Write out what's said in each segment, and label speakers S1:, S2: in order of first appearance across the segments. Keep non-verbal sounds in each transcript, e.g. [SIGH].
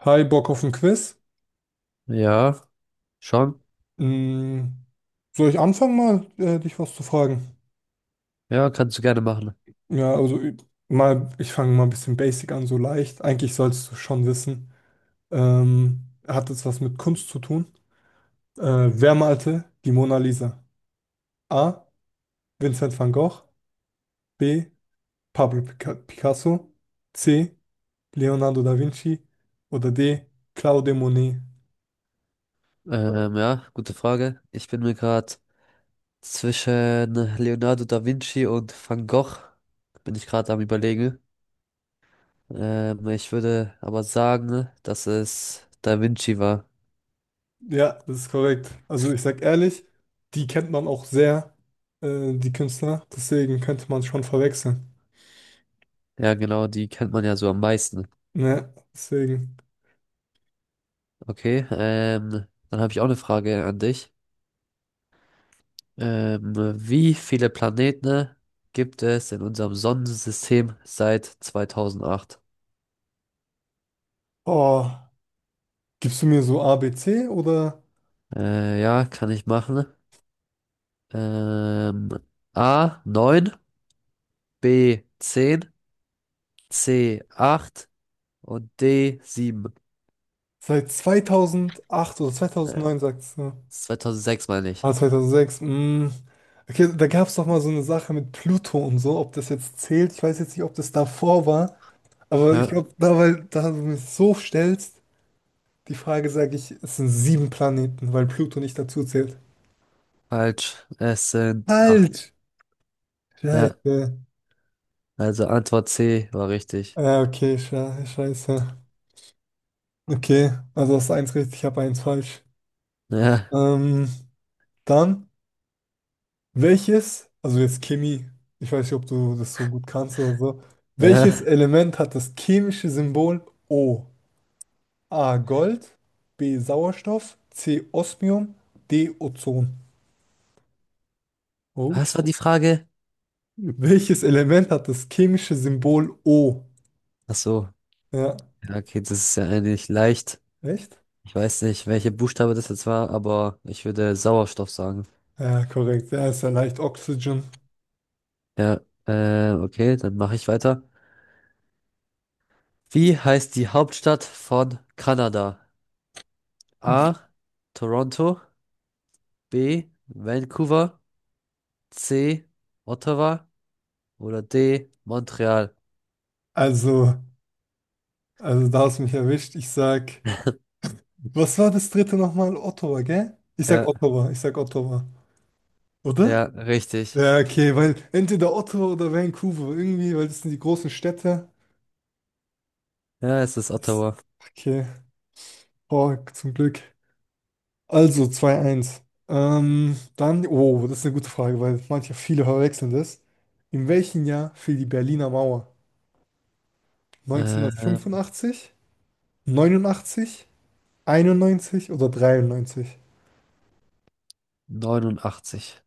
S1: Hi, Bock auf ein Quiz?
S2: Ja, schon.
S1: Mm, Soll ich anfangen mal, dich was zu fragen?
S2: Ja, kannst du gerne machen.
S1: Also ich fange mal ein bisschen basic an, so leicht. Eigentlich sollst du schon wissen. Hat es was mit Kunst zu tun? Äh, Wer malte die Mona Lisa? A. Vincent van Gogh. B. Pablo Picasso. C. Leonardo da Vinci. Oder D. Claude Monet.
S2: Ja, gute Frage. Ich bin mir gerade zwischen Leonardo da Vinci und Van Gogh, bin ich gerade am Überlegen. Ich würde aber sagen, dass es da Vinci war.
S1: Ja, das ist korrekt. Also ich sag ehrlich, die kennt man auch sehr, die Künstler. Deswegen könnte man schon verwechseln.
S2: Ja, genau, die kennt man ja so am meisten.
S1: Ne, deswegen.
S2: Okay, dann habe ich auch eine Frage an dich. Ähm, wie viele Planeten gibt es in unserem Sonnensystem seit 2008?
S1: Oh, gibst du mir so A B C oder
S2: Ja, kann ich machen. Ähm, A 9, B 10, C 8 und D 7.
S1: seit 2008 oder
S2: Äh,
S1: 2009 sagst du?
S2: 2006 meine ich.
S1: Ah, 2006. Mm. Okay, da gab es doch mal so eine Sache mit Pluto und so, ob das jetzt zählt. Ich weiß jetzt nicht, ob das davor war, aber
S2: Hä?
S1: ich glaube, da, weil da du mich so stellst, die Frage sage ich, es sind sieben Planeten, weil Pluto nicht dazu zählt.
S2: Falsch. Es sind acht.
S1: Falsch!
S2: Ja,
S1: Scheiße.
S2: also Antwort C war richtig.
S1: Ja, okay, scheiße. Okay, also hast du eins richtig, ich habe eins falsch.
S2: Ja,
S1: Ähm, Dann, welches, also jetzt Chemie, ich weiß nicht, ob du das so gut kannst oder so.
S2: ja.
S1: Welches Ja. Element hat das chemische Symbol O? A. Gold, B. Sauerstoff, C. Osmium, D. Ozon. Oh, sh-
S2: Was war die Frage?
S1: Welches Element hat das chemische Symbol O?
S2: Ach so.
S1: Ja,
S2: Ja, okay, das ist ja eigentlich leicht.
S1: echt?
S2: Ich weiß nicht, welche Buchstabe das jetzt war, aber ich würde Sauerstoff sagen.
S1: Ja, korrekt. Ja, ist ja leicht Oxygen.
S2: Ja, okay, dann mache ich weiter. Wie heißt die Hauptstadt von Kanada? A. Toronto. B. Vancouver. C. Ottawa. Oder D. Montreal.
S1: Also. Also da hast du mich erwischt. Ich sag, was war das dritte nochmal? Ottawa, gell? Ich sag
S2: Ja,
S1: Ottawa, ich sag Ottawa. Oder?
S2: ja, richtig.
S1: Ja, okay, weil entweder Ottawa oder Vancouver, irgendwie, weil das sind die großen Städte.
S2: Ja, es ist
S1: Das,
S2: Ottawa.
S1: okay, boah, zum Glück. Also zwei eins. Dann, oh, das ist eine gute Frage, weil manche, viele verwechseln das. In welchem Jahr fiel die Berliner Mauer?
S2: Äh,
S1: 1985, 89, 91 oder 93?
S2: 89.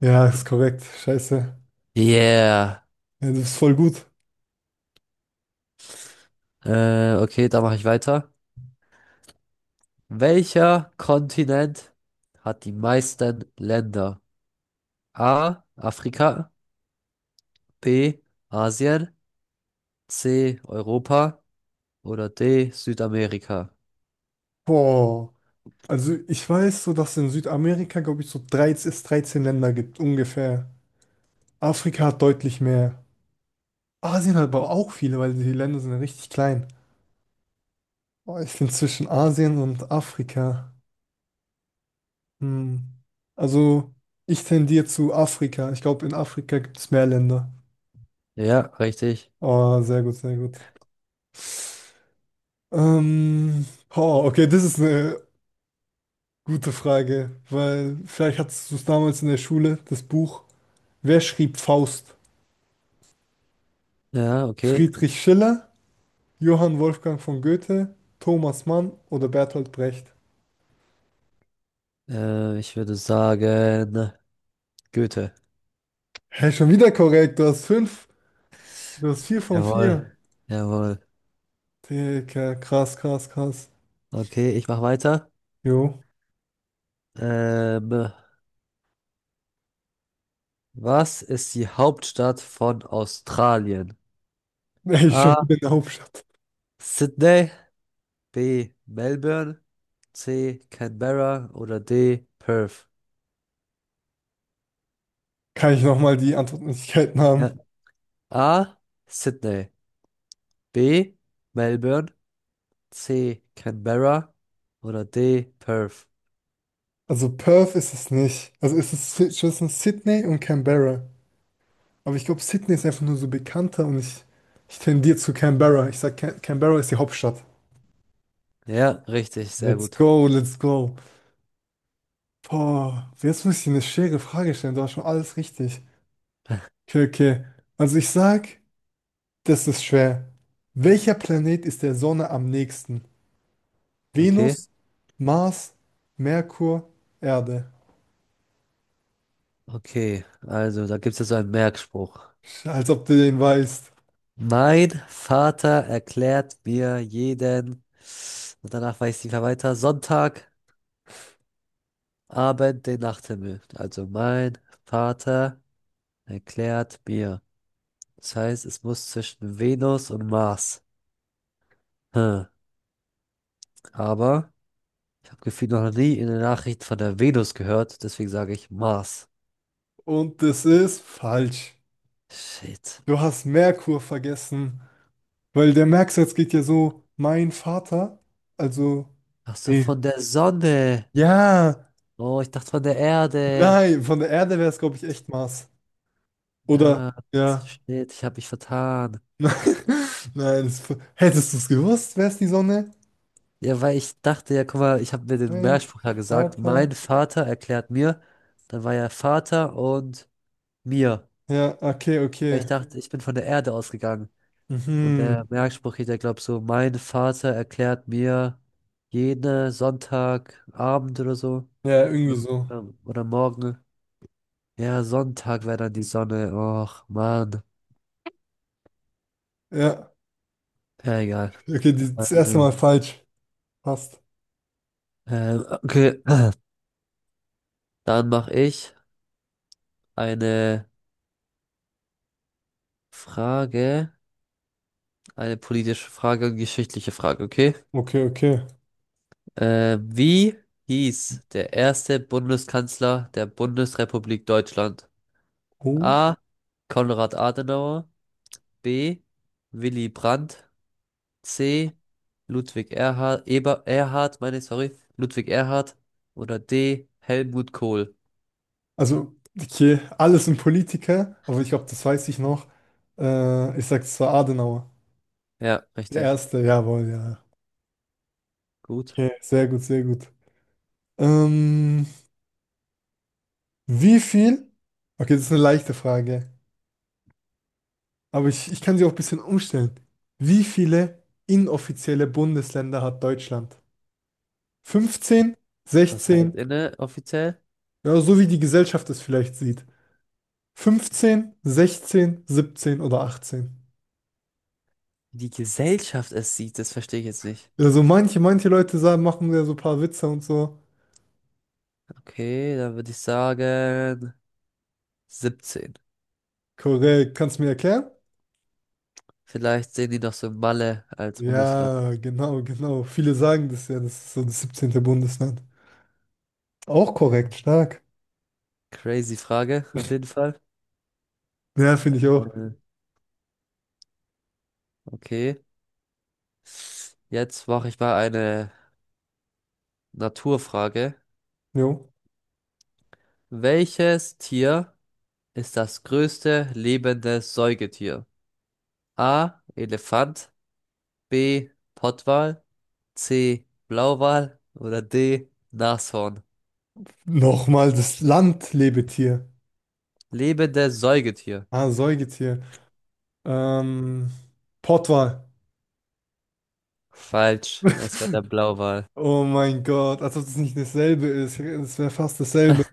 S1: Ja, ist korrekt. Scheiße.
S2: Yeah.
S1: Ja, das ist voll gut.
S2: Okay, da mache ich weiter. Welcher Kontinent hat die meisten Länder? A. Afrika. B. Asien. C. Europa. Oder D. Südamerika.
S1: Boah. Also ich weiß so, dass es in Südamerika, glaube ich, so 13 es 13 Länder gibt, ungefähr. Afrika hat deutlich mehr. Asien hat aber auch viele, weil die Länder sind ja richtig klein. Boah, ich finde zwischen Asien und Afrika. Hm. Also ich tendiere zu Afrika. Ich glaube, in Afrika gibt es mehr Länder.
S2: Ja, richtig.
S1: Oh, sehr gut, sehr gut. Boah, okay, das ist eine gute Frage, weil vielleicht hattest du es damals in der Schule, das Buch. Wer schrieb Faust?
S2: Ja, okay.
S1: Friedrich Schiller, Johann Wolfgang von Goethe, Thomas Mann oder Bertolt Brecht?
S2: Ich würde sagen, Goethe.
S1: Hey, schon wieder korrekt. Du hast fünf. Du hast vier von
S2: Jawohl.
S1: vier.
S2: Jawohl.
S1: Jawohl. Digga, krass, krass, krass.
S2: Okay, ich mache weiter.
S1: Jo. [LAUGHS]
S2: Ähm, was ist die Hauptstadt von Australien?
S1: Hey, schon
S2: A.
S1: wieder in der Hauptstadt.
S2: Sydney, B. Melbourne, C. Canberra oder D. Perth.
S1: Kann ich nochmal die Antwortmöglichkeiten
S2: Ja.
S1: haben?
S2: A. Sydney, B. Melbourne, C. Canberra oder D. Perth.
S1: Also Perth ist es nicht. Also ist es ist zwischen Sydney und Canberra. Aber ich glaube, Sydney ist einfach nur so bekannter und ich tendiere zu Canberra. Ich sag, Canberra ist die Hauptstadt.
S2: Ja, richtig, sehr
S1: Let's
S2: gut.
S1: go, let's go. Boah, jetzt muss ich dir eine schwere Frage stellen. Du hast schon alles richtig. Okay, okay. Also ich sag, das ist schwer. Welcher Planet ist der Sonne am nächsten?
S2: Okay,
S1: Venus, Mars, Merkur, Erde.
S2: okay. Also, da gibt es jetzt so einen Merkspruch.
S1: Als ob du den weißt.
S2: Mein Vater erklärt mir jeden, und danach weiß ich nicht mehr weiter, Sonntagabend den Nachthimmel. Also mein Vater erklärt mir. Das heißt, es muss zwischen Venus und Mars. Hm. Aber ich habe gefühlt noch nie in der Nachricht von der Venus gehört, deswegen sage ich Mars.
S1: Und das ist falsch.
S2: Shit.
S1: Du hast Merkur vergessen. Weil der Merksatz geht ja so, mein Vater. Also.
S2: Ach so,
S1: Nee.
S2: von der Sonne.
S1: Ja,
S2: Oh, ich dachte von der Erde.
S1: nein, von der Erde wäre es, glaube ich, echt Mars. Oder?
S2: Ah,
S1: Ja.
S2: shit, ich habe mich vertan.
S1: [LAUGHS] Nein, es, hättest du es gewusst, wäre es die Sonne?
S2: Ja, weil ich dachte, ja, guck mal, ich habe mir den
S1: Nein,
S2: Mehrspruch ja gesagt.
S1: Vater.
S2: Mein Vater erklärt mir. Dann war ja Vater und mir.
S1: Ja, okay,
S2: Weil
S1: okay.
S2: ich dachte, mhm, ich bin von der Erde ausgegangen. Und
S1: Mhm.
S2: der Merkspruch geht ja, glaub so, mein Vater erklärt mir jeden Sonntagabend oder so.
S1: Ja, irgendwie
S2: Oder,
S1: so.
S2: oder morgen. Ja, Sonntag wäre dann die Sonne. Och, Mann.
S1: Ja,
S2: Ja, egal.
S1: okay, die, das erste Mal
S2: Ähm,
S1: falsch. Passt.
S2: okay. Dann mache ich eine Frage. Eine politische Frage, geschichtliche Frage, okay?
S1: Okay, okay.
S2: Wie hieß der erste Bundeskanzler der Bundesrepublik Deutschland?
S1: Oh.
S2: A. Konrad Adenauer, B. Willy Brandt, C. Ludwig Erhard, Eber, Erhard, meine ich, sorry, Ludwig Erhard oder D. Helmut Kohl.
S1: Also, okay, alles ein Politiker, aber ich glaube, das weiß ich noch. Ich sag, es war Adenauer.
S2: Ja,
S1: Der
S2: richtig.
S1: erste, jawohl, ja.
S2: Gut.
S1: Okay, sehr gut, sehr gut. Ähm, Wie viel? Okay, das ist eine leichte Frage. Aber ich kann sie auch ein bisschen umstellen. Wie viele inoffizielle Bundesländer hat Deutschland? 15,
S2: Was heißt
S1: 16,
S2: inne offiziell?
S1: ja, so wie die Gesellschaft es vielleicht sieht. 15, 16, 17 oder 18.
S2: Die Gesellschaft es sieht, das verstehe ich jetzt nicht.
S1: Also manche Leute sagen, machen ja so ein paar Witze und so.
S2: Okay, dann würde ich sagen 17.
S1: Korrekt, kannst du mir erklären?
S2: Vielleicht sehen die noch so Malle als Bundesland.
S1: Ja, genau, genau. Viele sagen das ja, das ist so das 17. Bundesland. Auch korrekt, stark.
S2: Crazy Frage, auf jeden Fall.
S1: Ja, finde ich auch.
S2: Äh, okay, jetzt mache ich mal eine Naturfrage.
S1: Jo.
S2: Welches Tier ist das größte lebende Säugetier? A. Elefant, B. Pottwal, C. Blauwal oder D. Nashorn.
S1: Nochmal das Land, Lebetier.
S2: Lebende Säugetier.
S1: Ah, Säugetier. Ähm, Pottwal.
S2: Falsch, es wäre der
S1: [LAUGHS]
S2: Blauwal.
S1: Oh mein Gott, als ob das nicht dasselbe ist. Es wäre fast dasselbe.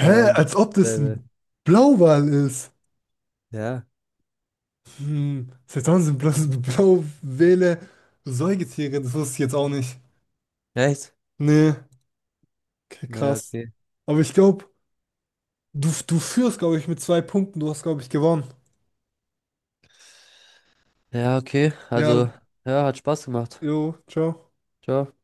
S1: Hä? Als ob das
S2: dasselbe.
S1: ein Blauwal ist.
S2: Ja,
S1: Hm, seit wann sind bloß Blauwale [LAUGHS] Säugetiere? Das wusste ich jetzt auch nicht.
S2: echt?
S1: Nee, okay,
S2: Ja,
S1: krass.
S2: okay.
S1: Aber ich glaube, du führst, glaube ich, mit zwei Punkten. Du hast, glaube ich, gewonnen.
S2: Ja, okay.
S1: Ja,
S2: Also, ja, hat Spaß gemacht.
S1: jo, ciao.
S2: Ciao.